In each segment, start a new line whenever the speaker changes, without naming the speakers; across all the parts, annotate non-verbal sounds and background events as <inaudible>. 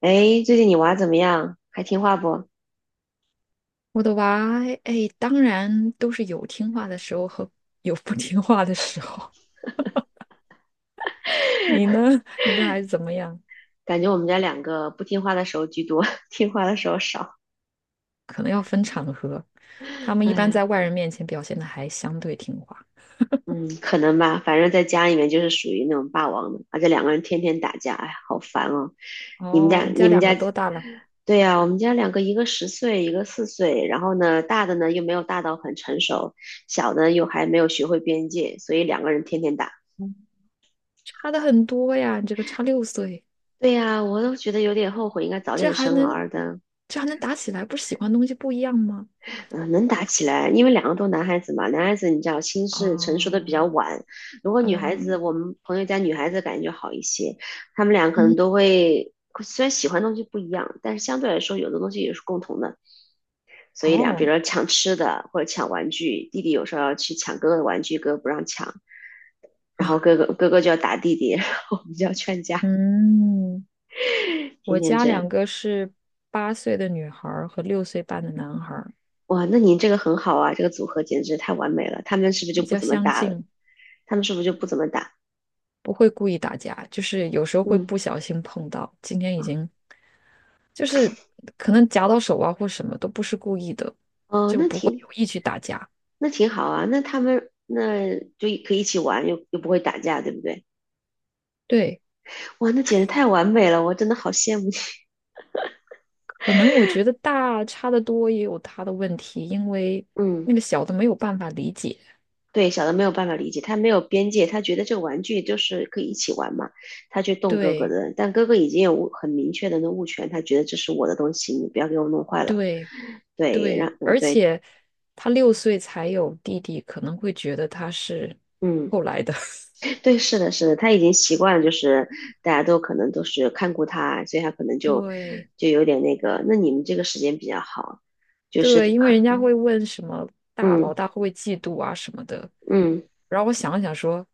哎，最近你娃怎么样？还听话不？
我的娃，哎，当然都是有听话的时候和有不听话的时候。<laughs> 你呢？你的孩子怎么样？
感觉我们家两个不听话的时候居多，<laughs> 听话的时候少。
可能要分场合。他们
哎，
一般在
呀，
外人面前表现的还相对听话。
嗯，可能吧。反正在家里面就是属于那种霸王的，而且两个人天天打架，哎呀，好烦哦。你们家，
哦，你
你
家
们
两个
家，
多大了？
对呀，我们家两个，一个十岁，一个4岁。然后呢，大的呢又没有大到很成熟，小的又还没有学会边界，所以两个人天天打。
嗯差的很多呀，你这个差6岁，
对呀，我都觉得有点后悔，应该早
这
点
还
生
能，
儿的。
这还能打起来？不是喜欢东西不一样吗？
嗯，能打起来，因为两个都男孩子嘛，男孩子你知道心智成熟的比较
哦，
晚。如果女孩子，
嗯
我们朋友家女孩子感觉就好一些，他们俩可能
嗯，
都会，虽然喜欢的东西不一样，但是相对来说有的东西也是共同的。所以俩，比如
哦
说抢吃的或者抢玩具，弟弟有时候要去抢哥哥的玩具，哥哥不让抢，然
啊，
后哥哥就要打弟弟，然后我们就要劝
<laughs>
架，
嗯。
天
我
天
家
这样。
两个是8岁的女孩儿和6岁半的男孩儿，
哇，那您这个很好啊，这个组合简直太完美了。他们是不是就
比
不
较
怎么
相
打了？
近，
他们是不是就不怎么打？
不会故意打架，就是有时候会
嗯，
不小心碰到。今天已经就是可能夹到手啊或什么都不是故意的，
哦，
就不会有意去打架。
那挺好啊，那他们那就可以一起玩，又不会打架，对不对？
对，
哇，那简直太完美了，我真的好羡慕你。
可能我觉得大差的多也有他的问题，因为
<laughs> 嗯，
那个小的没有办法理解。
对，小的没有办法理解，他没有边界，他觉得这个玩具就是可以一起玩嘛，他去动哥哥
对
的，但哥哥已经很明确的那物权，他觉得这是我的东西，你不要给我弄坏了。
对
对，
对，
让嗯
而
对。
且他六岁才有弟弟，可能会觉得他是
嗯，
后来的。<laughs>
对，是的，是的，他已经习惯了，就是大家可能都是看顾他，所以他可能就
对
就有点那个。那你们这个时间比较好，就是
对，因为
可
人家会问什么大老
嗯
大会不会嫉妒啊什么的，
嗯，
然后我想了想说，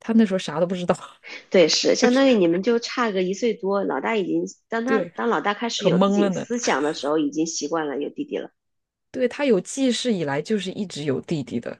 他那时候啥都不知道，<laughs>
对，是相当于你们就差个1岁多，老大已经
对，
当老大开始
可
有自
懵了
己
呢。
思想的时候，已经习惯了有弟弟了。
对，他有记事以来就是一直有弟弟的。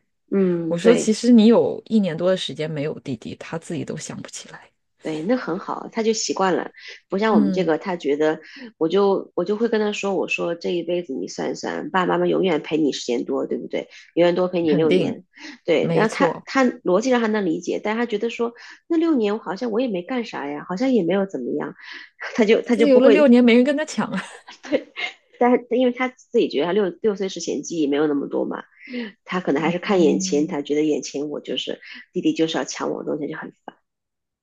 我
嗯，
说其
对
实你有一年多的时间没有弟弟，他自己都想不起来。
对，那很好，他就习惯了，不像我们这
嗯，
个，他觉得我就会跟他说，我说这一辈子你算一算，爸爸妈妈永远陪你时间多，对不对？永远多陪你
肯
六
定，
年，对。然
没
后
错，
他逻辑上还能理解，但他觉得说那六年我好像我也没干啥呀，好像也没有怎么样，<laughs> 他就
自由
不
了六
会
年，没人跟他抢啊。
但是因为他自己觉得他六岁之前记忆没有那么多嘛，他可能还
<laughs>
是看眼前，
嗯，
他觉得眼前我就是弟弟就是要抢我的东西就很烦，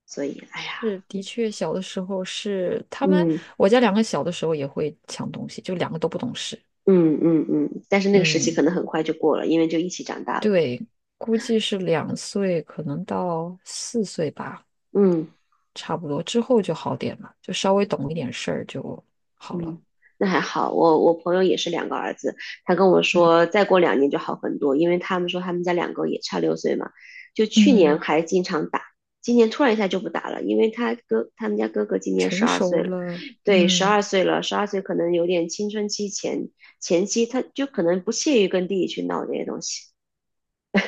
所以哎呀，
是，的确，小的时候是他们，
嗯
我家两个小的时候也会抢东西，就两个都不懂事。
嗯，但是那个时期
嗯。
可能很快就过了，因为就一起长大了，
对，估计是2岁，可能到4岁吧，
嗯
差不多之后就好点了，就稍微懂一点事儿就好了。
嗯，那还好，我朋友也是两个儿子，他跟我
嗯
说再过2年就好很多，因为他们说他们家两个也差六岁嘛，就去年
嗯，
还经常打，今年突然一下就不打了，因为他们家哥哥今年十
成
二
熟
岁了，
了，
对，十
嗯，
二岁了，十二岁可能有点青春期前期，他就可能不屑于跟弟弟去闹这些东西。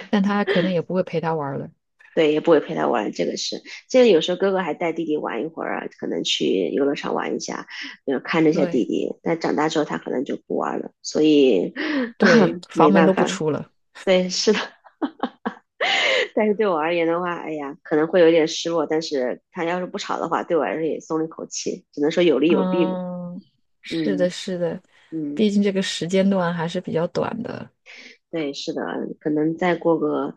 但他可能也不会陪他玩儿了。
对，也不会陪他玩，这个是。这个有时候哥哥还带弟弟玩一会儿啊，可能去游乐场玩一下，看着一下弟
对
弟。但长大之后他可能就不玩了，所以。
对，
<laughs> 没
房门
办
都不
法。
出了。
对，是的。<laughs> 但是对我而言的话，哎呀，可能会有点失落。但是他要是不吵的话，对我来说也松了一口气，只能说有利有弊吧。
嗯，是的，
嗯
是的，
嗯。
毕竟这个时间段还是比较短的。
对，是的，可能再过个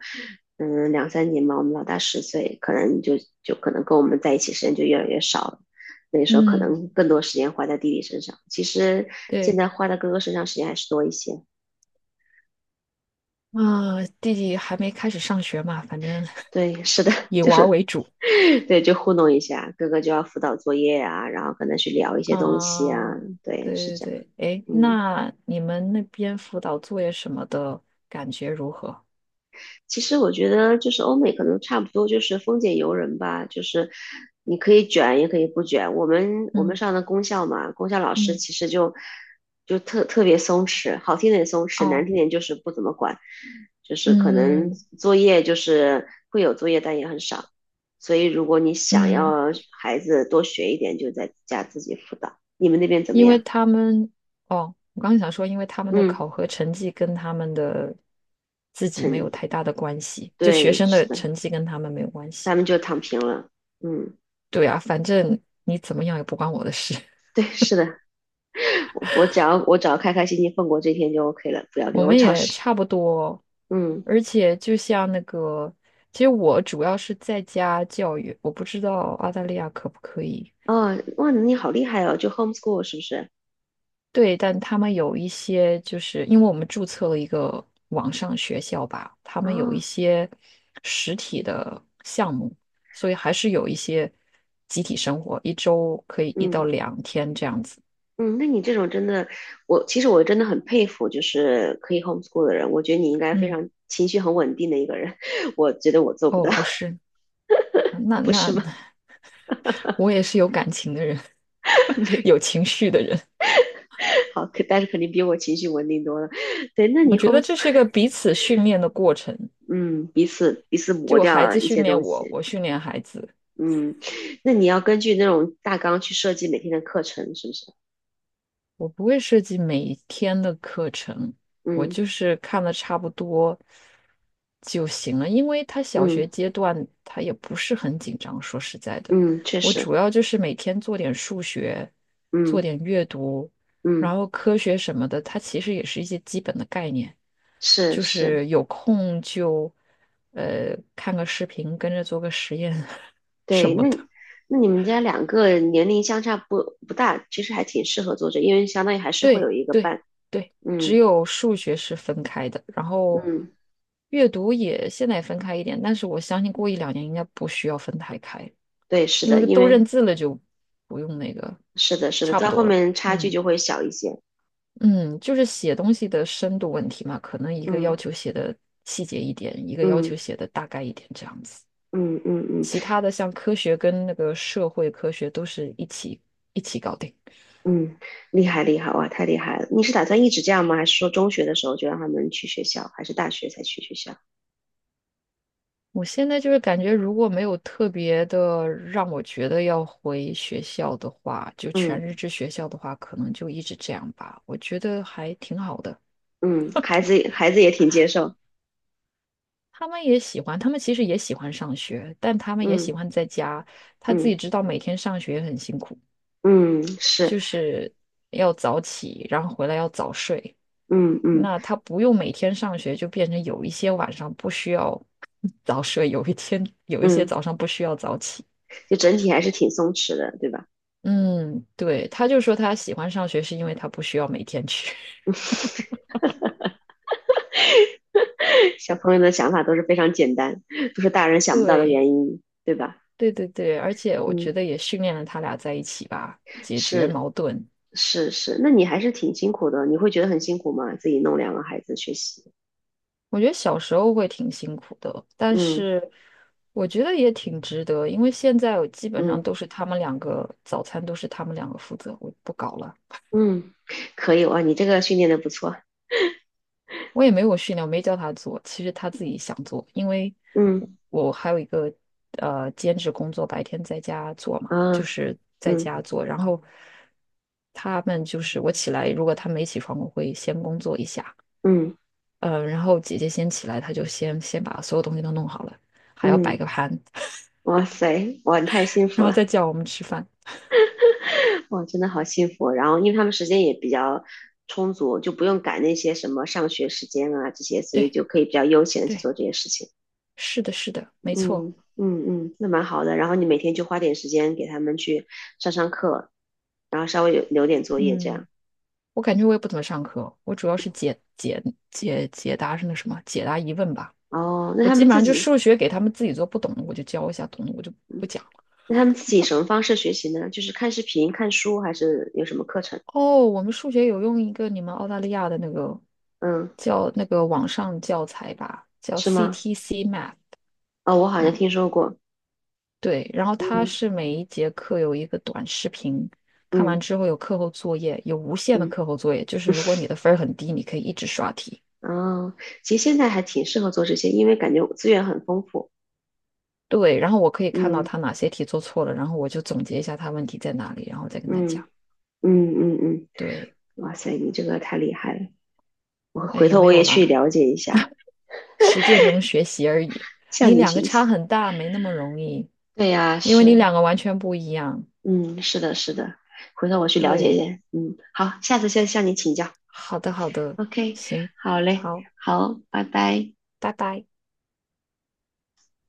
嗯2、3年吧，我们老大十岁，可能就就可能跟我们在一起时间就越来越少了。那时候可
嗯，
能更多时间花在弟弟身上，其实现
对，
在花在哥哥身上时间还是多一些。
啊、弟弟还没开始上学嘛，反正
对，是的，
<laughs>
<laughs>
以
就
玩儿
是
为主。
<laughs> 对，就糊弄一下，哥哥就要辅导作业啊，然后可能去聊一些东西啊，
啊，
对，是
对对
这样，
对，哎，
嗯。
那你们那边辅导作业什么的感觉如何？
其实我觉得就是欧美可能差不多就是丰俭由人吧，就是你可以卷也可以不卷。我们
嗯
上的公校嘛，公校老师
嗯，
其实就就特别松弛，好听点松弛，难
哦，
听点就是不怎么管，就是可能
嗯
作业就是会有作业，但也很少。所以如果你想
嗯，
要孩子多学一点，就在家自己辅导。你们那边怎么
因为
样？
他们，哦，我刚想说，因为他们的
嗯，
考核成绩跟他们的自己没
很
有太大的关系，就学
对，
生
是
的
的，
成绩跟他们没有关系。
他们就躺平了。嗯，
对啊，反正你怎么样也不关我的事，
对，是的。我只要开开心心放过这天就 OK 了，不要
<laughs>
给
我
我
们
找
也
事。
差不多，
嗯，
而且就像那个，其实我主要是在家教育，我不知道澳大利亚可不可以。
哦，哇，你好厉害哦，就 homeschool 是不是？
对，但他们有一些，就是因为我们注册了一个网上学校吧，他们有一
啊，
些实体的项目，所以还是有一些集体生活，一周可以一
嗯
到两天这样子。
嗯，那你这种真的，我其实我真的很佩服，就是可以 homeschool 的人，我觉得你应该非
嗯，
常情绪很稳定的一个人，<laughs> 我觉得我做不
哦，
到，
不是，嗯那
不
那
是吗？
我也是有感情的人，
<laughs>
<laughs>
对，
有情绪的人。
好，可但是肯定比我情绪稳定多了。对，那
我
你
觉得这
homeschool，
是一个彼此训练的过程。
<laughs> 嗯，彼此磨
就孩
掉
子
一
训
些
练
东
我，
西，
我训练孩子。
嗯，那你要根据那种大纲去设计每天的课程，是不是？
我不会设计每一天的课程，我
嗯。
就是看的差不多就行了。因为他小
嗯
学阶段他也不是很紧张，说实在的，
嗯，确
我
实，
主要就是每天做点数学，做
嗯
点阅读，然
嗯，
后科学什么的，它其实也是一些基本的概念。
是
就
是，
是有空就看个视频，跟着做个实验 <laughs> 什
对，
么
那
的。
你们家两个年龄相差不大，其实还挺适合做这，因为相当于还是会有
对
一个
对
伴，
对，
嗯
只有数学是分开的，然后
嗯，
阅读也现在也分开一点，但是我相信过一两年应该不需要分太开，
对，是
因
的，
为
因
都认
为
字了就不用那个，
是的是的，
差不
到后
多了。
面差距
嗯
就会小一些，
嗯，就是写东西的深度问题嘛，可能一个要
嗯
求写的细节一点，一个要求
嗯
写的大概一点这样子，
嗯嗯嗯
其他的像科学跟那个社会科学都是一起搞定。
嗯，厉害厉害，哇，太厉害了！你是打算一直这样吗？还是说中学的时候就让他们去学校，还是大学才去学校？
我现在就是感觉，如果没有特别的让我觉得要回学校的话，就全
嗯
日制学校的话，可能就一直这样吧。我觉得还挺好的。
嗯，孩子也挺接受，
他们也喜欢，他们其实也喜欢上学，但他们也喜
嗯
欢在家。他自
嗯
己知道每天上学很辛苦，
嗯，是。
就是要早起，然后回来要早睡。
嗯嗯
那他不用每天上学，就变成有一些晚上不需要早睡，有一些
嗯，
早上不需要早起。
就整体还是挺松弛的，对吧？
嗯，对，他就说他喜欢上学是因为他不需要每天去。<laughs>
<laughs> 小朋友的想法都是非常简单，都是大人想不到的
对，
原因，对吧？
对对对，而且我
嗯，
觉得也训练了他俩在一起吧，解决
是
矛盾。
是是，那你还是挺辛苦的，你会觉得很辛苦吗？自己弄两个孩子学习，
我觉得小时候会挺辛苦的，但
嗯
是我觉得也挺值得，因为现在我基本上
嗯
都是他们两个，早餐都是他们两个负责，我不搞了。
嗯，可以哇，你这个训练的不错，
我也没有训练，我没教他做，其实他自己想做，因为我
嗯
我还有一个兼职工作，白天在家做嘛，就
啊
是在
嗯
家做，然后他们就是我起来，如果他没起床，我会先工作一下，
嗯
然后姐姐先起来，她就先把所有东西都弄好了，还要摆
嗯，
个盘，
哇塞，哇，你太幸
然
福
后
了。
再叫我们吃饭。
哇，真的好幸福哦。然后，因为他们时间也比较充足，就不用赶那些什么上学时间啊这些，所以
对
就可以比较悠闲的去
对，
做这些事情。
是的，是的，没错，
嗯嗯嗯，那蛮好的。然后你每天就花点时间给他们去上课，然后稍微有留点作业这样。
嗯。我感觉我也不怎么上课，我主要是解答是那什么，解答疑问吧。
哦，那
我
他
基
们
本
自
上就
己，
数学给他们自己做不懂的，我就教一下；懂的我就
嗯，
不讲了。
那他们自己什么方式学习呢？就是看视频、看书，还是有什么课程？
哦，我们数学有用一个你们澳大利亚的那个
嗯，
叫那个网上教材吧，叫
是吗？
CTC Math。
哦，我好像
嗯，
听说过。
对，然后它
嗯
是每一节课有一个短视频，看完
嗯
之后有课后作业，有无限的
嗯。
课后作业，就是如果你的分儿很低，你可以一直刷题。
嗯，其实现在还挺适合做这些，因为感觉资源很丰富。
对，然后我可以看到
嗯
他哪些题做错了，然后我就总结一下他问题在哪里，然后再跟他讲。
嗯嗯嗯嗯，
对，
哇塞，你这个太厉害了！我
哎，
回
也
头
没
我
有
也去
啦。
了解一下，
实践中学习而已。
向
你
您
两个
学
差
习。
很大，没那么容易，
对呀，
因为你
是，
两个完全不一样。
嗯，是的，是的，回头我去了解一
对，
下。嗯，好，下次再向你请教。
好的，好的，
OK，
行，
好嘞，
好，
好，拜拜。
拜拜。